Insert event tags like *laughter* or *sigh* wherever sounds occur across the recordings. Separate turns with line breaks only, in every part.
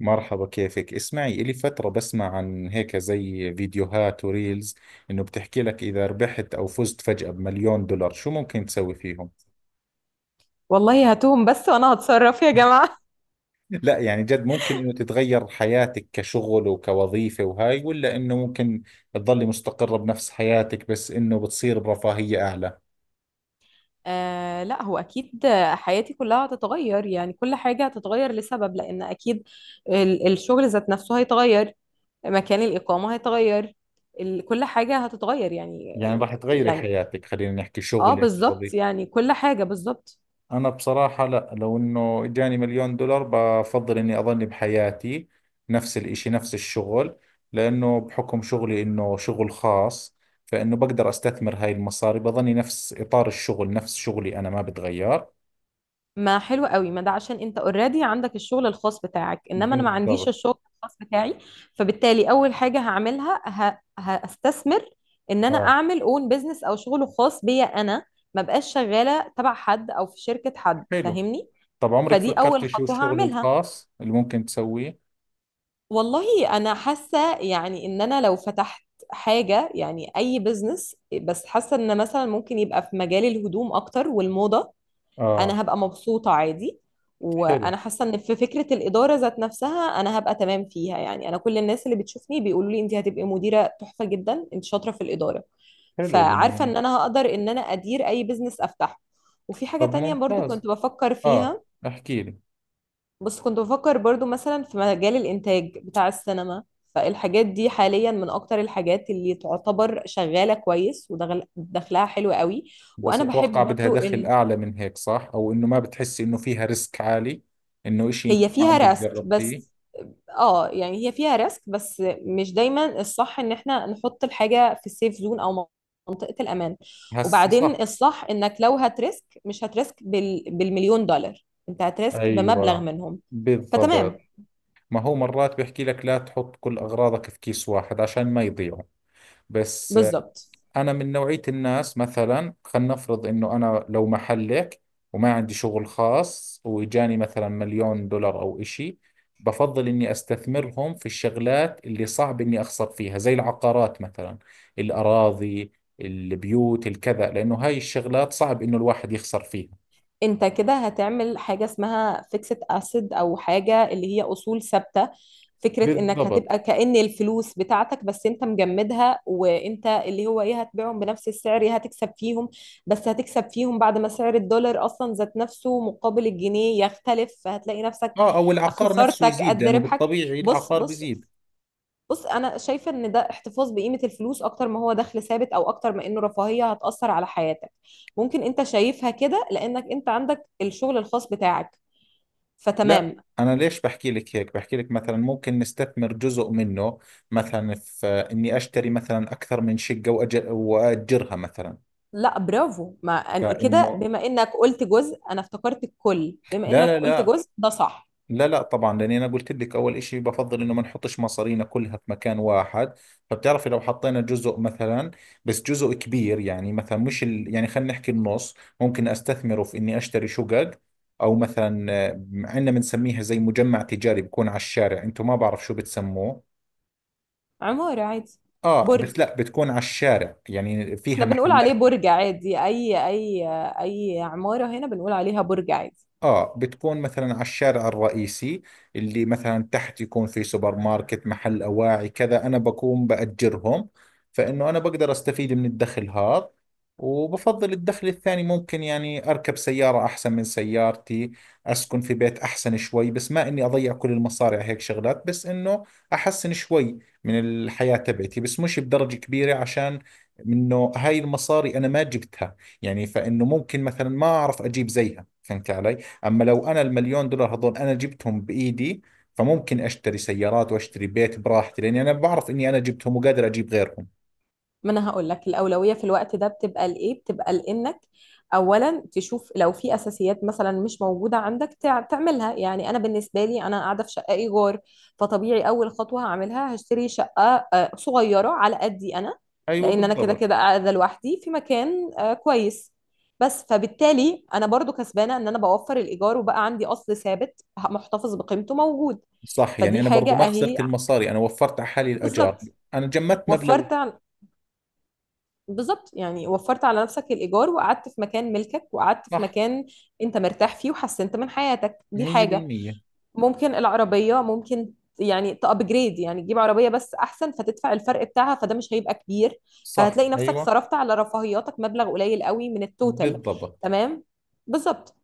مرحبا، كيفك. اسمعي، إلي فترة بسمع عن هيك زي فيديوهات وريلز إنه بتحكي لك إذا ربحت أو فزت فجأة بمليون دولار شو ممكن تسوي فيهم.
والله هاتوهم بس وانا هتصرف يا جماعة.
لا، يعني جد ممكن إنه تتغير حياتك كشغل وكوظيفة وهاي، ولا إنه ممكن تضلي مستقرة بنفس حياتك بس إنه بتصير برفاهية أعلى؟
آه، لا هو اكيد. حياتي كلها هتتغير، يعني كل حاجة هتتغير لسبب لان اكيد الشغل ذات نفسه هيتغير. مكان الاقامة هيتغير. كل حاجة هتتغير يعني.
يعني راح تغيري
يعني
حياتك. خلينا نحكي
اه
شغلك
بالظبط،
ووظيفتك.
يعني كل حاجة بالظبط.
أنا بصراحة لا، لو إنه إجاني مليون دولار بفضل إني أظل بحياتي نفس الإشي، نفس الشغل، لأنه بحكم شغلي إنه شغل خاص، فإنه بقدر أستثمر هاي المصاري بظني نفس إطار الشغل، نفس شغلي أنا ما بتغير.
ما حلو قوي، ما ده عشان انت اوريدي عندك الشغل الخاص بتاعك، انما انا ما عنديش
بالضبط.
الشغل الخاص بتاعي. فبالتالي اول حاجه هعملها هستثمر ان انا
آه.
اعمل اون بيزنس او شغل خاص بيا انا. ما بقاش شغاله تبع حد او في شركه حد،
حلو.
فاهمني؟
طب عمرك
فدي اول
فكرتي شو
خطوه
الشغل
هعملها.
الخاص اللي ممكن تسويه؟
والله انا حاسه، يعني ان انا لو فتحت حاجه، يعني اي بيزنس، بس حاسه ان مثلا ممكن يبقى في مجال الهدوم اكتر والموضه.
آه.
انا هبقى مبسوطة عادي.
حلو،
وانا حاسة ان في فكرة الإدارة ذات نفسها انا هبقى تمام فيها، يعني انا كل الناس اللي بتشوفني بيقولوا لي انت هتبقي مديرة تحفة جدا، انت شاطرة في الإدارة.
حلو
فعارفة
يعني.
ان انا هقدر ان انا ادير اي بزنس افتحه. وفي حاجة
طب
تانية برضو
ممتاز.
كنت بفكر
آه.
فيها.
احكي لي.
بس كنت بفكر برضو مثلا في مجال الإنتاج بتاع السينما. فالحاجات دي حاليا من أكتر الحاجات اللي تعتبر شغالة كويس ودخلها حلو قوي.
بس
وأنا بحب
اتوقع بدها
برضو
دخل
ال...
اعلى من هيك، صح؟ او انه ما بتحسي انه فيها ريسك عالي، انه اشي انت
هي
ما
فيها
عمرك
ريسك
جربتيه؟
بس. اه، يعني هي فيها ريسك، بس مش دايما الصح ان احنا نحط الحاجه في السيف زون او منطقه الامان.
هسه
وبعدين
صح.
الصح انك لو هتريسك، مش هتريسك بالمليون دولار، انت هتريسك بمبلغ
ايوه،
منهم. فتمام.
بالضبط. ما هو مرات بيحكي لك لا تحط كل اغراضك في كيس واحد عشان ما يضيعوا. بس
بالظبط.
أنا من نوعية الناس، مثلا خلينا نفرض إنه أنا لو محلك وما عندي شغل خاص وإجاني مثلا مليون دولار أو إشي، بفضل إني أستثمرهم في الشغلات اللي صعب إني أخسر فيها، زي العقارات مثلا، الأراضي، البيوت، الكذا، لأنه هاي الشغلات صعب إنه الواحد يخسر فيها.
انت كده هتعمل حاجة اسمها فيكسد اسيد، او حاجة اللي هي اصول ثابتة. فكرة انك
بالضبط.
هتبقى كأن الفلوس بتاعتك بس انت مجمدها، وانت اللي هو ايه، هتبيعهم بنفس السعر، ايه هتكسب فيهم؟ بس هتكسب فيهم بعد ما سعر الدولار اصلا ذات نفسه مقابل الجنيه يختلف، فهتلاقي نفسك
آه، أو العقار نفسه
خسارتك
يزيد
قد
لأنه
ربحك.
بالطبيعي
بص،
العقار
بص،
بيزيد.
بص. انا شايفه ان ده احتفاظ بقيمه الفلوس اكتر ما هو دخل ثابت، او اكتر ما انه رفاهيه هتاثر على حياتك. ممكن انت شايفها كده لانك انت عندك الشغل الخاص بتاعك.
لا.
فتمام.
أنا ليش بحكي لك هيك؟ بحكي لك مثلا ممكن نستثمر جزء منه، مثلا في إني أشتري مثلا أكثر من شقة وأجرها مثلا.
لا، برافو. ما أن- كده
فإنه،
بما انك قلت جزء انا افتكرت الكل، بما
لا
انك
لا
قلت
لا،
جزء ده صح.
لا لا طبعا، لأني أنا قلت لك أول إشي بفضل إنه ما نحطش مصارينا كلها في مكان واحد. فبتعرفي لو حطينا جزء مثلا، بس جزء كبير، يعني مثلا مش يعني خلينا نحكي النص، ممكن أستثمره في إني أشتري شقق، أو مثلا عندنا بنسميها زي مجمع تجاري بكون على الشارع، أنتم ما بعرف شو بتسموه.
عماره عادي.
اه، بس
برج.
لا، بتكون على الشارع يعني فيها
احنا بنقول
محلات.
عليه برج عادي. اي، اي. اي عماره هنا بنقول عليها برج عادي.
اه، بتكون مثلا على الشارع الرئيسي، اللي مثلا تحت يكون في سوبر ماركت، محل اواعي، كذا، انا بكون باجرهم، فانه انا بقدر استفيد من الدخل هذا، وبفضل الدخل الثاني ممكن يعني اركب سيارة احسن من سيارتي، اسكن في بيت احسن شوي، بس ما اني اضيع كل المصاري على هيك شغلات، بس انه احسن شوي من الحياة تبعتي، بس مش بدرجة كبيرة، عشان انه هاي المصاري انا ما جبتها، يعني فانه ممكن مثلا ما اعرف اجيب زيها، فهمت علي؟ اما لو انا المليون دولار هذول انا جبتهم بايدي، فممكن اشتري سيارات واشتري بيت براحتي، لاني انا بعرف اني انا جبتهم وقادر اجيب غيرهم.
ما انا هقول لك الاولويه في الوقت ده بتبقى لايه، بتبقى لانك اولا تشوف لو في اساسيات مثلا مش موجوده عندك تعملها. يعني انا بالنسبه لي، انا قاعده في شقه ايجار، فطبيعي اول خطوه هعملها هشتري شقه صغيره على قدي انا.
ايوه
لان انا كده
بالضبط.
كده قاعده لوحدي في مكان كويس، بس. فبالتالي انا برضو كسبانه ان انا بوفر الايجار، وبقى عندي اصل ثابت محتفظ بقيمته موجود.
صح، يعني
فدي
انا
حاجه
برضو ما
اهي.
خسرت المصاري، انا وفرت على حالي الاجار.
بالظبط.
انا جمدت مبلغي.
وفرت. بالظبط، يعني وفرت على نفسك الإيجار، وقعدت في مكان ملكك، وقعدت في
صح.
مكان أنت مرتاح فيه، وحسنت من حياتك. دي حاجة.
100%.
ممكن العربية، ممكن، يعني تأبجريد، يعني تجيب عربية بس أحسن، فتدفع الفرق بتاعها فده مش هيبقى كبير.
صح.
فهتلاقي نفسك
ايوه
صرفت على رفاهياتك مبلغ قليل قوي من التوتال.
بالضبط.
تمام. بالظبط.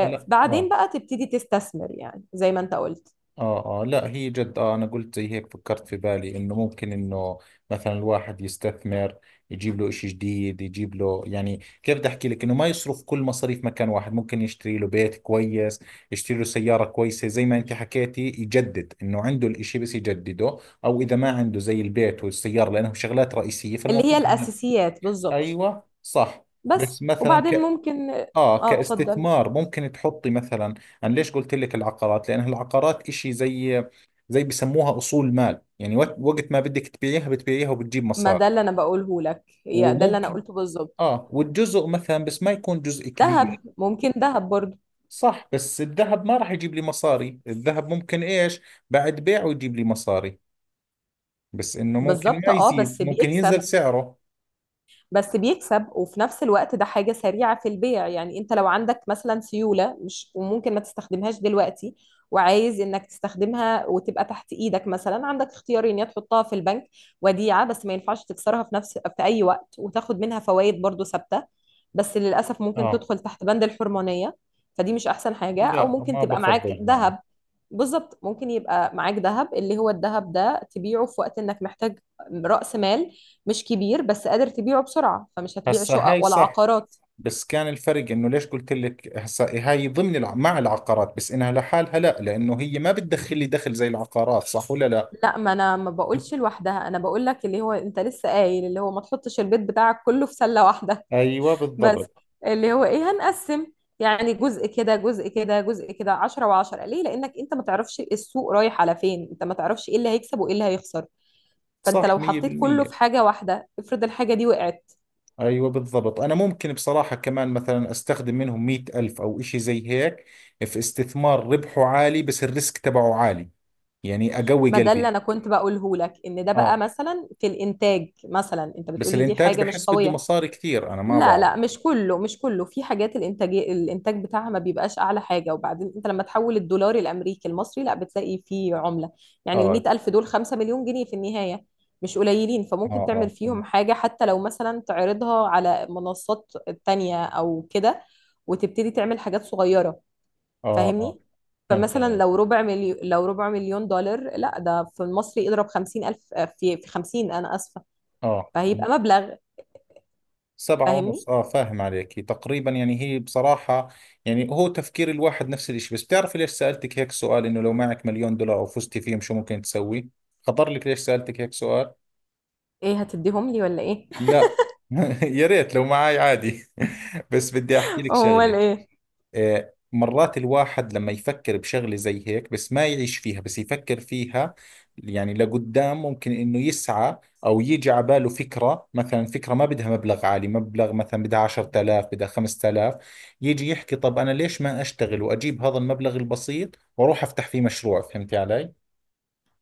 فلا، اه.
بقى تبتدي تستثمر، يعني زي ما أنت قلت.
آه آه، لا هي جد، آه أنا قلت زي هيك فكرت في بالي إنه ممكن إنه مثلا الواحد يستثمر، يجيب له إشي جديد، يجيب له، يعني كيف بدي أحكي لك، إنه ما يصرف كل مصاريف مكان واحد، ممكن يشتري له بيت كويس، يشتري له سيارة كويسة زي ما أنت حكيتي، يجدد إنه عنده الإشي بس يجدده، أو إذا ما عنده زي البيت والسيارة لأنهم شغلات رئيسية
اللي هي
فالمفروض إنه.
الأساسيات، بالظبط.
أيوة صح.
بس
بس مثلا
وبعدين ممكن.
اه
اه، اتفضل.
كاستثمار ممكن تحطي مثلا. انا ليش قلت لك العقارات؟ لان العقارات اشي زي، زي بيسموها اصول مال، يعني وقت ما بدك تبيعيها بتبيعيها وبتجيب
ما
مصاري.
ده اللي انا بقوله لك، هي ده اللي انا
وممكن،
قلته بالظبط.
اه، والجزء مثلا بس ما يكون جزء
دهب،
كبير.
ممكن دهب برضو.
صح، بس الذهب ما راح يجيب لي مصاري، الذهب ممكن ايش، بعد بيعه يجيب لي مصاري، بس انه ممكن
بالظبط.
ما
اه،
يزيد،
بس
ممكن
بيكسب
ينزل سعره.
بس بيكسب وفي نفس الوقت ده حاجة سريعة في البيع. يعني انت لو عندك مثلا سيولة مش وممكن ما تستخدمهاش دلوقتي وعايز انك تستخدمها وتبقى تحت ايدك، مثلا عندك اختيارين. يا تحطها في البنك وديعة، بس ما ينفعش تكسرها في اي وقت، وتاخد منها فوائد برضو ثابتة، بس للأسف ممكن
اه،
تدخل تحت بند الحرمانية. فدي مش أحسن حاجة. أو
لا
ممكن
ما
تبقى معاك
بفضل يعني.
ذهب. بالظبط، ممكن يبقى معاك ذهب، اللي هو الذهب ده تبيعه في وقت إنك محتاج رأس مال مش كبير، بس قادر تبيعه بسرعة، فمش هتبيع
هسا هاي
شقق ولا
صح،
عقارات.
بس كان الفرق انه ليش قلت لك هسا هاي ضمن مع العقارات بس انها لحالها؟ لا لانه هي ما بتدخل لي دخل زي العقارات، صح ولا لا؟
لا، ما انا ما بقولش لوحدها، انا بقول لك اللي هو انت لسه قايل اللي هو ما تحطش البيت بتاعك كله في سلة واحدة.
ايوه
*laughs* بس
بالضبط.
اللي هو ايه، هنقسم، يعني جزء كده، جزء كده، جزء كده، 10 و10. ليه؟ لانك انت ما تعرفش السوق رايح على فين، انت ما تعرفش ايه اللي هيكسب وايه اللي هيخسر. فانت
صح،
لو
مية
حطيت كله
بالمية
في حاجة واحدة، افرض الحاجة دي وقعت.
أيوة بالضبط. أنا ممكن بصراحة كمان مثلا أستخدم منهم 100,000 أو إشي زي هيك في استثمار ربحه عالي بس الريسك تبعه عالي، يعني أقوي
ما ده اللي انا
قلبي.
كنت بقوله لك، ان ده بقى
آه.
مثلا في الانتاج. مثلا انت
بس
بتقولي دي
الإنتاج
حاجة مش
بحس بده
قوية.
مصاري كثير، أنا ما
لا،
بعرف.
لا، مش كله، مش كله. في حاجات الانتاج، الانتاج بتاعها ما بيبقاش اعلى حاجه. وبعدين انت لما تحول الدولار الامريكي المصري، لا بتلاقي فيه عمله، يعني ال
آه.
100 الف دول 5 مليون جنيه في النهايه. مش قليلين.
آه.
فممكن تعمل
آه.
فيهم حاجه، حتى لو مثلا تعرضها على منصات تانية او كده، وتبتدي تعمل حاجات صغيره،
آه. آه،
فاهمني؟
فهمت
فمثلا
عليك.
لو ربع مليون، دولار، لا ده في المصري اضرب 50 الف، في 50، انا اسفه،
آه.
فهيبقى مبلغ.
سبعة
فاهمني؟
ونص اه فاهم عليك تقريبا. يعني هي بصراحة، يعني هو تفكير الواحد نفس الاشي. بس بتعرفي ليش سألتك هيك سؤال، انه لو معك مليون دولار او فزتي فيهم شو ممكن تسوي؟ خطر لك ليش سألتك هيك سؤال؟
ايه، هتديهم لي ولا ايه؟
لا. *laughs* يا ريت لو معاي، عادي. *laughs* بس بدي احكي لك
امال
شغلة.
ايه؟
آه، مرات الواحد لما يفكر بشغلة زي هيك، بس ما يعيش فيها بس يفكر فيها، يعني لقدام ممكن انه يسعى، او يجي على باله فكرة، مثلا فكرة ما بدها مبلغ عالي، مبلغ مثلا بدها 10,000، بدها 5,000، يجي يحكي طب انا ليش ما اشتغل واجيب هذا المبلغ البسيط واروح افتح فيه مشروع، فهمتي علي؟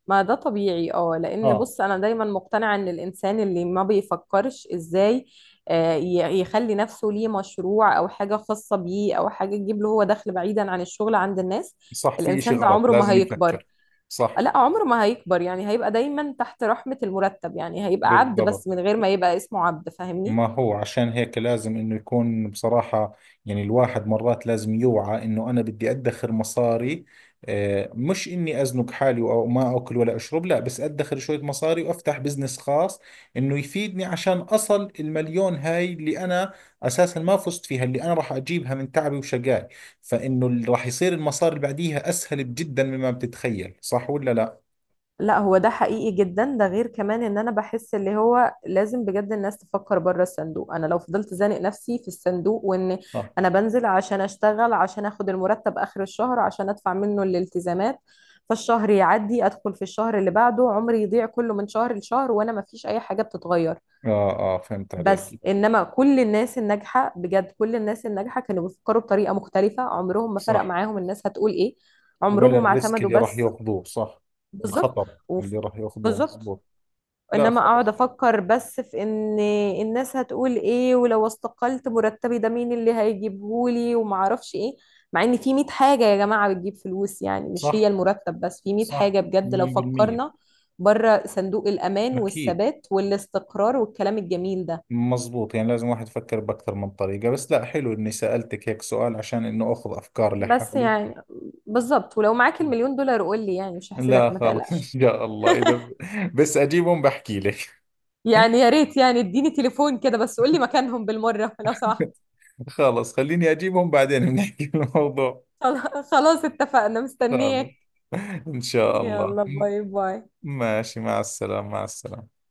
ما ده طبيعي، اه. لان
اه،
بص، انا دايما مقتنعه ان الانسان اللي ما بيفكرش ازاي يخلي نفسه ليه مشروع، او حاجه خاصه بيه، او حاجه تجيب له هو دخل بعيدا عن الشغل عند الناس،
صح، في اشي
الانسان ده
غلط،
عمره ما
لازم
هيكبر.
يفكر. صح.
لا، عمره ما هيكبر. يعني هيبقى دايما تحت رحمه المرتب، يعني هيبقى عبد
بالضبط.
بس من غير ما يبقى اسمه عبد، فاهمني؟
ما هو عشان هيك لازم انه يكون بصراحة، يعني الواحد مرات لازم يوعى انه انا بدي ادخر مصاري، آه، مش اني ازنق حالي او ما اكل ولا اشرب، لا، بس ادخر شوية مصاري وافتح بزنس خاص انه يفيدني، عشان اصل المليون هاي اللي انا اساسا ما فزت فيها اللي انا راح اجيبها من تعبي وشقاي، فانه اللي راح يصير المصاري اللي بعديها اسهل جدا مما بتتخيل، صح ولا لا؟
لا، هو ده حقيقي جدا. ده غير كمان ان انا بحس اللي هو لازم بجد الناس تفكر بره الصندوق. انا لو فضلت زانق نفسي في الصندوق وان
صح.
انا بنزل عشان اشتغل عشان اخد المرتب اخر الشهر عشان ادفع منه الالتزامات، فالشهر يعدي ادخل في الشهر اللي بعده، عمري يضيع كله من شهر لشهر وانا ما فيش اي حاجة بتتغير.
اه، اه، فهمت
بس
عليك.
انما كل الناس الناجحة بجد، كل الناس الناجحة كانوا بيفكروا بطريقة مختلفة. عمرهم ما فرق
صح،
معاهم الناس هتقول ايه.
ولا
عمرهم ما
الريسك
اعتمدوا
اللي راح
بس.
ياخذوه، صح؟
بالظبط.
الخطر
وف-
اللي راح ياخذوه،
بالظبط.
مزبوط. لا
انما اقعد
خلص.
افكر بس في ان الناس هتقول ايه، ولو استقلت مرتبي ده مين اللي هيجيبهولي وما اعرفش ايه، مع ان في 100 حاجة يا جماعة بتجيب فلوس، يعني مش هي
صح.
المرتب بس، في 100
صح.
حاجة بجد لو
100%.
فكرنا بره صندوق الامان
اكيد.
والثبات والاستقرار والكلام الجميل ده.
مزبوط، يعني لازم واحد يفكر باكثر من طريقة. بس لا، حلو اني سألتك هيك سؤال عشان انه اخذ افكار
بس
لحالي.
يعني بالظبط. ولو معاك المليون دولار قول لي، يعني مش هحسدك،
لا
ما
خلص. *laughs* ان
تقلقش.
شاء الله، اذا بس اجيبهم بحكي لك.
يعني يا ريت، يعني اديني تليفون كده، بس قول لي مكانهم بالمرة *laughs* لو سمحت.
خلص، خليني اجيبهم بعدين بنحكي *laughs* الموضوع.
خلاص، اتفقنا، مستنياك.
خلص. ان شاء الله.
يلا باي باي.
ماشي، مع السلامة، مع السلامة.